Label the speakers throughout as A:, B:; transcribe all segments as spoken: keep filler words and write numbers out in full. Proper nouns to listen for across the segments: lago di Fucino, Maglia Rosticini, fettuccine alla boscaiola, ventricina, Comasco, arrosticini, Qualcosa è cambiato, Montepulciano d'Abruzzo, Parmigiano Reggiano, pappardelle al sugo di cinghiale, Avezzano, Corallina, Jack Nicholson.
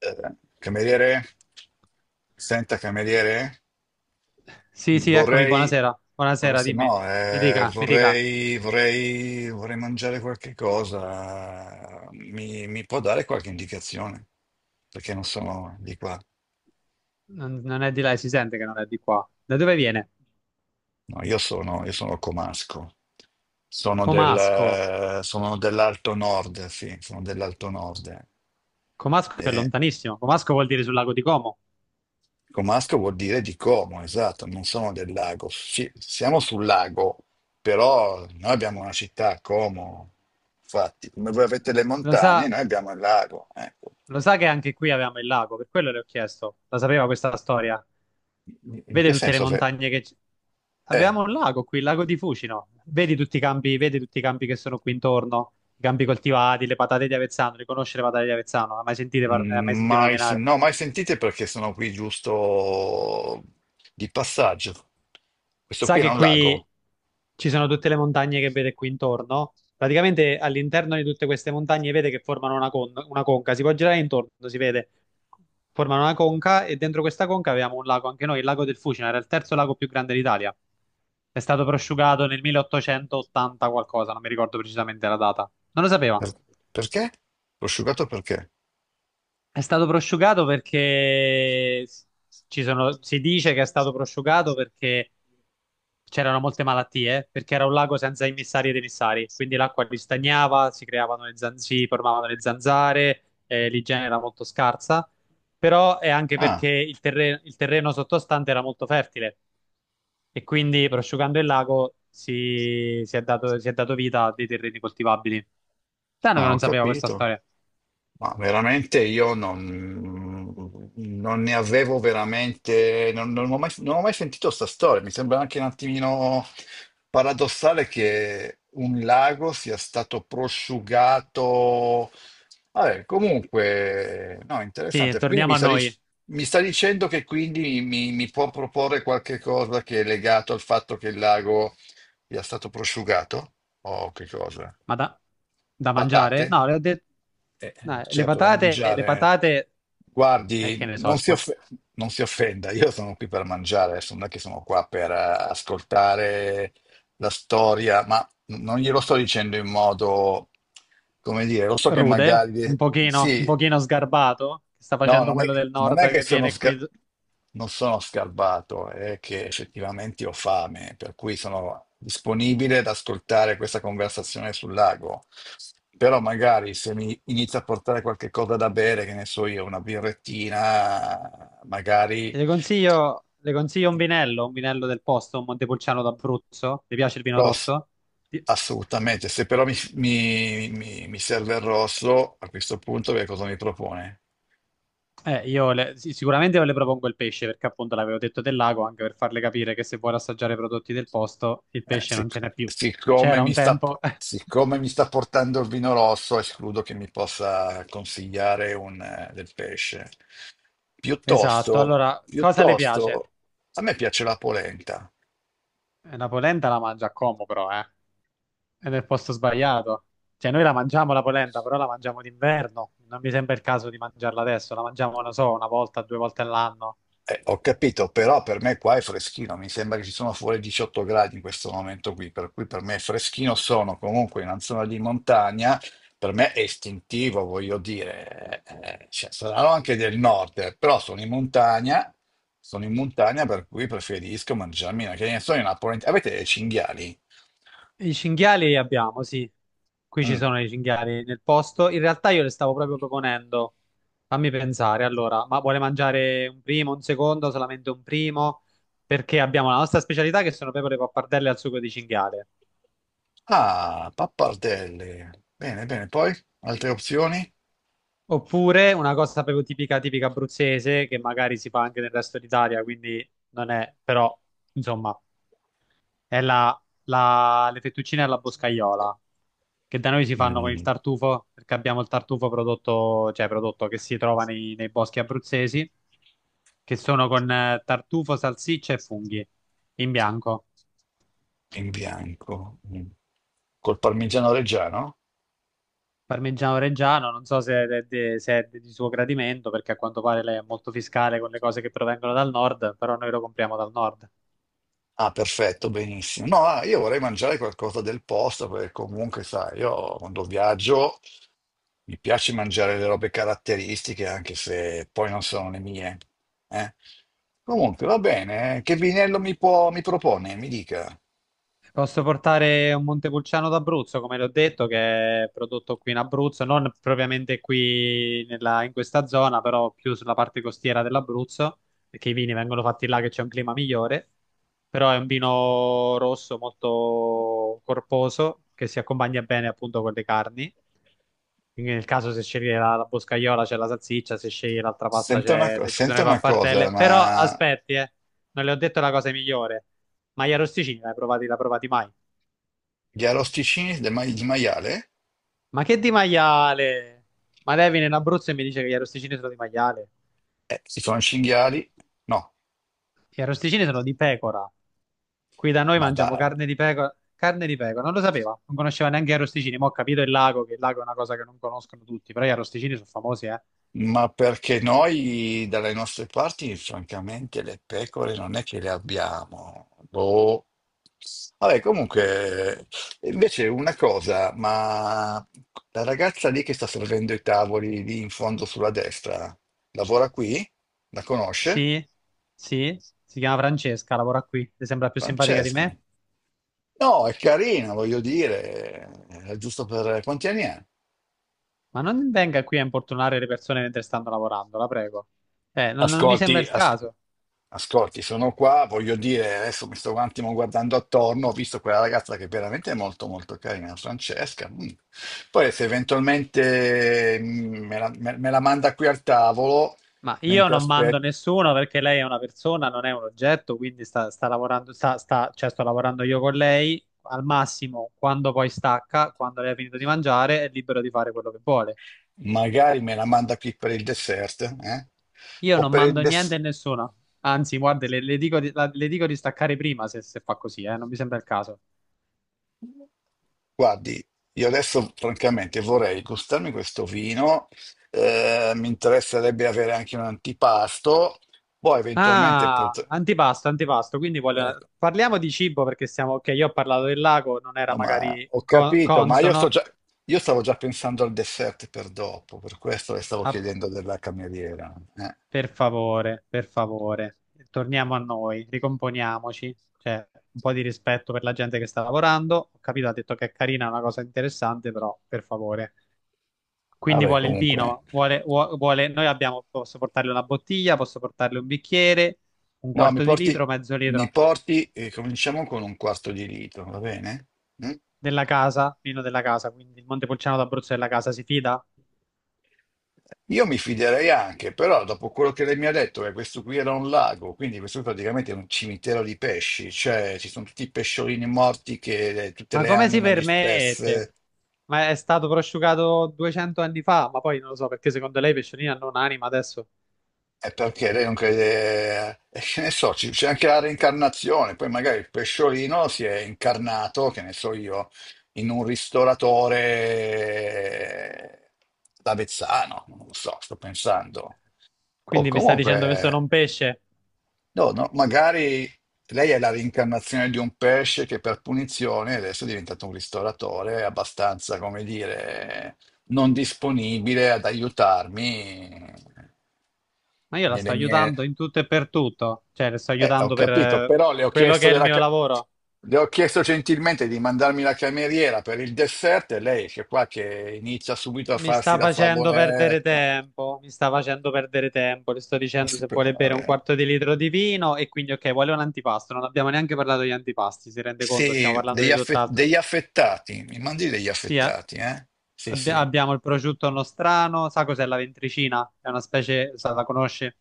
A: Eh, cameriere, senta cameriere,
B: Sì, sì, eccomi,
A: vorrei...
B: buonasera. Buonasera,
A: buonasera.
B: dimmi.
A: No,
B: Mi
A: eh,
B: dica, mi dica.
A: vorrei, vorrei, vorrei mangiare qualche cosa. Mi, mi può dare qualche indicazione? Perché non sono di qua.
B: Non, non è di là, si sente che non è di qua. Da dove viene?
A: No, io sono, io sono comasco. Sono
B: Comasco.
A: del, sono dell'Alto Nord, sì, sono dell'Alto Nord.
B: Comasco è lontanissimo. Comasco vuol dire sul lago di Como.
A: Comasco vuol dire di Como, esatto, non sono del lago. Sì, siamo sul lago, però noi abbiamo una città, Como. Infatti, come voi avete le
B: Lo
A: montagne,
B: sa,
A: noi abbiamo il lago. Ecco.
B: lo sa che anche qui avevamo il lago, per quello le ho chiesto. La sapeva questa storia.
A: In in
B: Vede
A: che
B: tutte le
A: senso? Fe-
B: montagne che... c-
A: Eh,
B: Avevamo un lago qui, il lago di Fucino. Vedi tutti i campi, vedi tutti i campi che sono qui intorno, i campi coltivati, le patate di Avezzano. Riconosce le patate di Avezzano? Ha mai sentite par- ha mai
A: mm,
B: sentito
A: mai, sen-
B: nominare?
A: No, mai sentite perché sono qui giusto di passaggio. Questo
B: Sa
A: qui era
B: che
A: un
B: qui
A: lago.
B: ci sono tutte le montagne che vede qui intorno? Praticamente all'interno di tutte queste montagne vede che formano una, con- una conca, si può girare intorno, si vede. Formano una conca e dentro questa conca avevamo un lago, anche noi, il lago del Fucina, era il terzo lago più grande d'Italia. È stato prosciugato nel milleottocentottanta qualcosa, non mi ricordo precisamente la data. Non lo sapeva.
A: Per- Perché? Prosciugato perché?
B: È stato prosciugato perché s- ci sono- Si dice che è stato prosciugato perché c'erano molte malattie, perché era un lago senza immissari ed emissari, quindi l'acqua ristagnava, si creavano le zan- si formavano le zanzare, eh, l'igiene era molto scarsa, però è anche
A: Ah,
B: perché il terre- il terreno sottostante era molto fertile e quindi prosciugando il lago si, si è dato, si è dato vita a dei terreni coltivabili. Strano che
A: ah, ho
B: non sapevo questa
A: capito.
B: storia.
A: Ma veramente io non, non ne avevo veramente, non, non ho mai, non ho mai sentito questa storia. Mi sembra anche un attimino paradossale che un lago sia stato prosciugato. Vabbè, comunque, no,
B: Sì,
A: interessante. Quindi
B: torniamo
A: mi
B: a
A: sta, dic-
B: noi.
A: mi sta dicendo che quindi mi, mi può proporre qualche cosa che è legato al fatto che il lago sia stato prosciugato? O che cosa?
B: Ma da, da
A: Patate?
B: mangiare? No, le ho detto...
A: Eh,
B: no, le
A: certo, da
B: patate, le
A: mangiare.
B: patate, eh, che
A: Guardi,
B: ne so,
A: non si,
B: ascolta,
A: off- non si offenda, io sono qui per mangiare, adesso non è che sono qua per eh, ascoltare la storia, ma non glielo sto dicendo in modo, come dire, lo so che
B: rude,
A: magari
B: un pochino, un
A: sì.
B: pochino sgarbato, che sta
A: No,
B: facendo
A: non è,
B: quello del
A: non è
B: nord
A: che
B: che
A: sono
B: viene qui.
A: sca- non sono scarbato, è che effettivamente ho fame, per cui sono disponibile ad ascoltare questa conversazione sul lago. Però magari se mi inizia a portare qualche cosa da bere, che ne so io, una birrettina, magari...
B: E le consiglio, le consiglio un vinello, un vinello del posto, un Montepulciano d'Abruzzo. Le piace il vino
A: Rosso,
B: rosso? Di-
A: assolutamente. Se però mi, mi mi- mi serve il rosso, a questo punto che cosa mi propone?
B: Eh, io le- sì, sicuramente io le propongo il pesce, perché appunto l'avevo detto del lago, anche per farle capire che se vuole assaggiare i prodotti del posto, il
A: Eh,
B: pesce non ce
A: sic-
B: n'è più.
A: siccome
B: C'era
A: mi
B: un
A: sta,
B: tempo.
A: siccome mi sta portando il vino rosso, escludo che mi possa consigliare un, eh, del pesce.
B: Esatto,
A: Piuttosto,
B: allora, cosa le piace?
A: piuttosto, a me piace la polenta.
B: Eh, La polenta la mangia a Como però, eh. È nel posto sbagliato. Cioè, noi la mangiamo la polenta, però la mangiamo d'inverno. Non mi sembra il caso di mangiarla adesso. La mangiamo, non so, una volta, due volte all'anno.
A: Eh, ho capito, però per me qua è freschino, mi sembra che ci sono fuori diciotto gradi in questo momento qui, per cui per me è freschino, sono comunque in una zona di montagna, per me è istintivo, voglio dire, eh, eh, cioè, saranno anche del nord, eh, però sono in montagna, sono in montagna per cui preferisco mangiarmi una, che ne so, una polenta. Avete dei cinghiali?
B: I cinghiali li abbiamo, sì. Qui ci
A: Mm.
B: sono i cinghiali nel posto. In realtà io le stavo proprio proponendo. Fammi pensare, allora, ma vuole mangiare un primo, un secondo, solamente un primo? Perché abbiamo la nostra specialità che sono pecore pappardelle al sugo di cinghiale.
A: Ah, pappardelle. Bene, bene, poi altre opzioni?
B: Oppure una cosa proprio tipica, tipica abruzzese, che magari si fa anche nel resto d'Italia, quindi non è, però, insomma, è la, la- le fettuccine alla boscaiola, che da noi si fanno con il
A: Mm.
B: tartufo, perché abbiamo il tartufo prodotto, cioè prodotto che si trova nei, nei boschi abruzzesi, che sono con eh, tartufo, salsiccia e funghi, in bianco.
A: In bianco. Mm. Col parmigiano reggiano?
B: Parmigiano Reggiano, non so se è, de- se è di suo gradimento, perché a quanto pare lei è molto fiscale con le cose che provengono dal nord, però noi lo compriamo dal nord.
A: Ah, perfetto, benissimo. No, ah, io vorrei mangiare qualcosa del posto perché comunque, sai, io quando viaggio mi piace mangiare le robe caratteristiche, anche se poi non sono le mie. Eh. Comunque, va bene. Eh. Che vinello mi può- mi propone? Mi dica.
B: Posso portare un Montepulciano d'Abruzzo, come l'ho detto, che è prodotto qui in Abruzzo, non propriamente qui nella- in questa zona, però più sulla parte costiera dell'Abruzzo, perché i vini vengono fatti là che c'è un clima migliore. Però è un vino rosso molto corposo che si accompagna bene appunto con le carni. Quindi nel caso se scegli la, la boscaiola c'è la salsiccia, se scegli l'altra pasta
A: Senta una,
B: c'è,
A: co-
B: ci sono le
A: senta una cosa,
B: pappardelle. Però
A: ma
B: aspetti, eh, non le ho detto la cosa migliore. Maglia Rosticini, l'hai provati, l'ha provati mai?
A: gli arrosticini del ma- di maiale?
B: Ma che di maiale? Ma lei viene in Abruzzo e mi dice che gli arrosticini sono di maiale.
A: Eh, si sono cinghiali? No,
B: Gli arrosticini sono di pecora. Qui da noi
A: ma
B: mangiamo
A: dai.
B: carne di pecora. Carne di pecora, non lo sapeva, non conosceva neanche gli arrosticini. Ma ho capito il lago, che il lago è una cosa che non conoscono tutti, però gli arrosticini sono famosi, eh.
A: Ma perché noi dalle nostre parti, francamente, le pecore non è che le abbiamo. Boh. Vabbè, comunque, invece una cosa, ma la ragazza lì che sta servendo i tavoli lì in fondo sulla destra, lavora qui? La conosce?
B: Sì, sì, si chiama Francesca, lavora qui. Le sembra più simpatica di
A: Francesca.
B: me?
A: No, è carina, voglio dire, è giusto per... Quanti anni ha?
B: Ma non venga qui a importunare le persone mentre stanno lavorando, la prego. Eh, non non mi sembra
A: Ascolti,
B: il
A: as-
B: caso.
A: Ascolti, sono qua, voglio dire, adesso mi sto un attimo guardando attorno, ho visto quella ragazza che è veramente è molto molto carina, Francesca. Mm. Poi se eventualmente mm, me la, me- me la manda qui al tavolo,
B: Ma io
A: mentre
B: non mando
A: aspetto,
B: nessuno perché lei è una persona, non è un oggetto, quindi sta, sta lavorando, sta, sta- cioè sto lavorando io con lei. Al massimo, quando poi stacca, quando lei ha finito di mangiare, è libero di fare quello che vuole.
A: magari me la manda qui per il dessert, eh?
B: Io
A: O
B: non
A: per il
B: mando niente a
A: dessert.
B: nessuno. Anzi, guarda, le, le dico di, la- le dico di staccare prima se, se fa così, eh, non mi sembra il caso.
A: Guardi, io adesso francamente vorrei gustarmi questo vino, eh, mi interesserebbe avere anche un antipasto, poi eventualmente
B: Ah,
A: potrei...
B: antipasto, antipasto. Quindi voglio- parliamo di cibo perché siamo, ok, io ho parlato del lago, non era
A: No, ma
B: magari
A: ho
B: co-
A: capito, ma io, sto
B: consono.
A: già, io stavo già pensando al dessert per dopo, per questo le stavo chiedendo della cameriera. Eh.
B: Per favore, per favore, torniamo a noi, ricomponiamoci, cioè un po' di rispetto per la gente che sta lavorando. Ho capito, ha detto che è carina, è una cosa interessante, però per favore. Quindi
A: Vabbè,
B: vuole il
A: comunque.
B: vino, vuole, vuo- vuole- noi abbiamo, posso portarle una bottiglia, posso portarle un bicchiere, un
A: No, mi
B: quarto di
A: porti,
B: litro, mezzo
A: mi
B: litro
A: porti eh, cominciamo con un quarto di litro, va bene? Mm?
B: della casa, vino della casa, quindi il Montepulciano d'Abruzzo della casa, si fida?
A: Io mi fiderei anche, però dopo quello che lei mi ha detto, che questo qui era un lago, quindi questo qui praticamente è un cimitero di pesci, cioè ci sono tutti i pesciolini morti, che, tutte
B: Ma
A: le
B: come si
A: anime
B: permette?
A: disperse.
B: Ma è stato prosciugato duecento anni fa, ma poi non lo so perché secondo lei Pesciolina non ha anima adesso.
A: È perché lei non crede, eh, che ne so, ci- c'è anche la reincarnazione, poi magari il pesciolino si è incarnato, che ne so io, in un ristoratore d'Avezzano, non lo so, sto pensando. O
B: Quindi mi sta dicendo che sono
A: comunque,
B: un pesce,
A: no, no, magari lei è la reincarnazione di un pesce che per punizione adesso è diventato un ristoratore abbastanza, come dire, non disponibile ad aiutarmi
B: ma io la
A: nelle
B: sto
A: mie...
B: aiutando in tutto e per tutto, cioè le sto
A: Eh, ho
B: aiutando per
A: capito,
B: eh,
A: però le ho
B: quello
A: chiesto,
B: che è il
A: della
B: mio
A: ca-
B: lavoro.
A: le ho chiesto gentilmente di mandarmi la cameriera per il dessert e lei che qua che inizia subito a
B: Mi
A: farsi
B: sta
A: la
B: facendo perdere
A: favoletta.
B: tempo, mi sta facendo perdere tempo, le sto
A: No, non
B: dicendo
A: si
B: se
A: può,
B: vuole bere un
A: vabbè.
B: quarto di litro di vino e quindi ok, vuole un antipasto, non abbiamo neanche parlato di antipasti, si rende conto, stiamo
A: Sì,
B: parlando
A: degli,
B: di
A: affe-
B: tutt'altro.
A: degli affettati, mi mandi degli
B: Sì, eh,
A: affettati, eh? Sì,
B: abbi-
A: sì.
B: abbiamo il prosciutto nostrano, sa cos'è la ventricina? È una specie, sa, la conosci?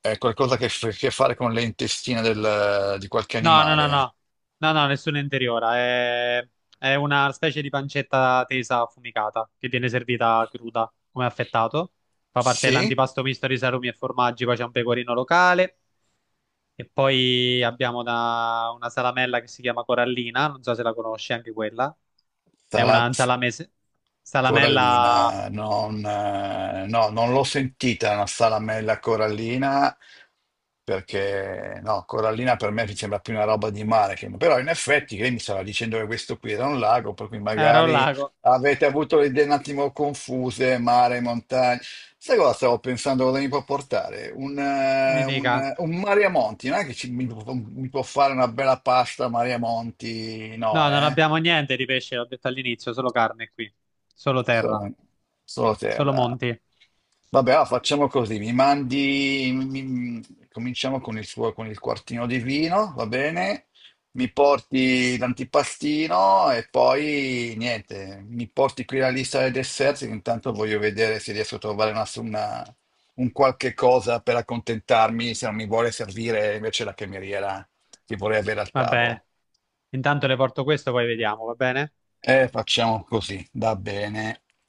A: È qualcosa che ha a che fare con le intestine del- di qualche
B: No, no, no,
A: animale.
B: no, no, no, nessuna interiora. È, è una specie di pancetta tesa affumicata che viene servita cruda come affettato. Fa parte
A: Sì?
B: dell'antipasto misto di salumi e formaggi. Poi c'è un pecorino locale. E poi abbiamo una, una salamella che si chiama Corallina. Non so se la conosci, anche quella. È
A: Sarà
B: una
A: F-
B: salamese. Salamella.
A: corallina, non, eh, no, non l'ho sentita una salamella corallina perché no, corallina per me mi sembra più una roba di mare, che... però in effetti lei mi stava dicendo che questo qui era un lago, per cui
B: Era un
A: magari
B: lago,
A: avete avuto le idee un attimo confuse, mare, montagna. Sai cosa stavo pensando cosa mi può portare? Un, eh,
B: mi dica.
A: un, un Mariamonti, non è che ci- mi, può mi può fare una bella pasta Mariamonti, no,
B: No, non
A: eh?
B: abbiamo niente di pesce, l'ho detto all'inizio, solo carne qui, solo terra,
A: Solo, solo
B: solo
A: terra.
B: monti.
A: Vabbè, allora facciamo così, mi mandi, mi- mi- cominciamo con il suo, con il quartino di vino, va bene? Mi porti l'antipastino e poi niente, mi porti qui la lista dei dessert, che intanto voglio vedere se riesco a trovare una, una- un qualche cosa per accontentarmi, se non mi vuole servire invece la cameriera che vorrei avere al
B: Va bene.
A: tavolo.
B: Intanto le porto questo, poi vediamo, va bene?
A: E facciamo così, va bene.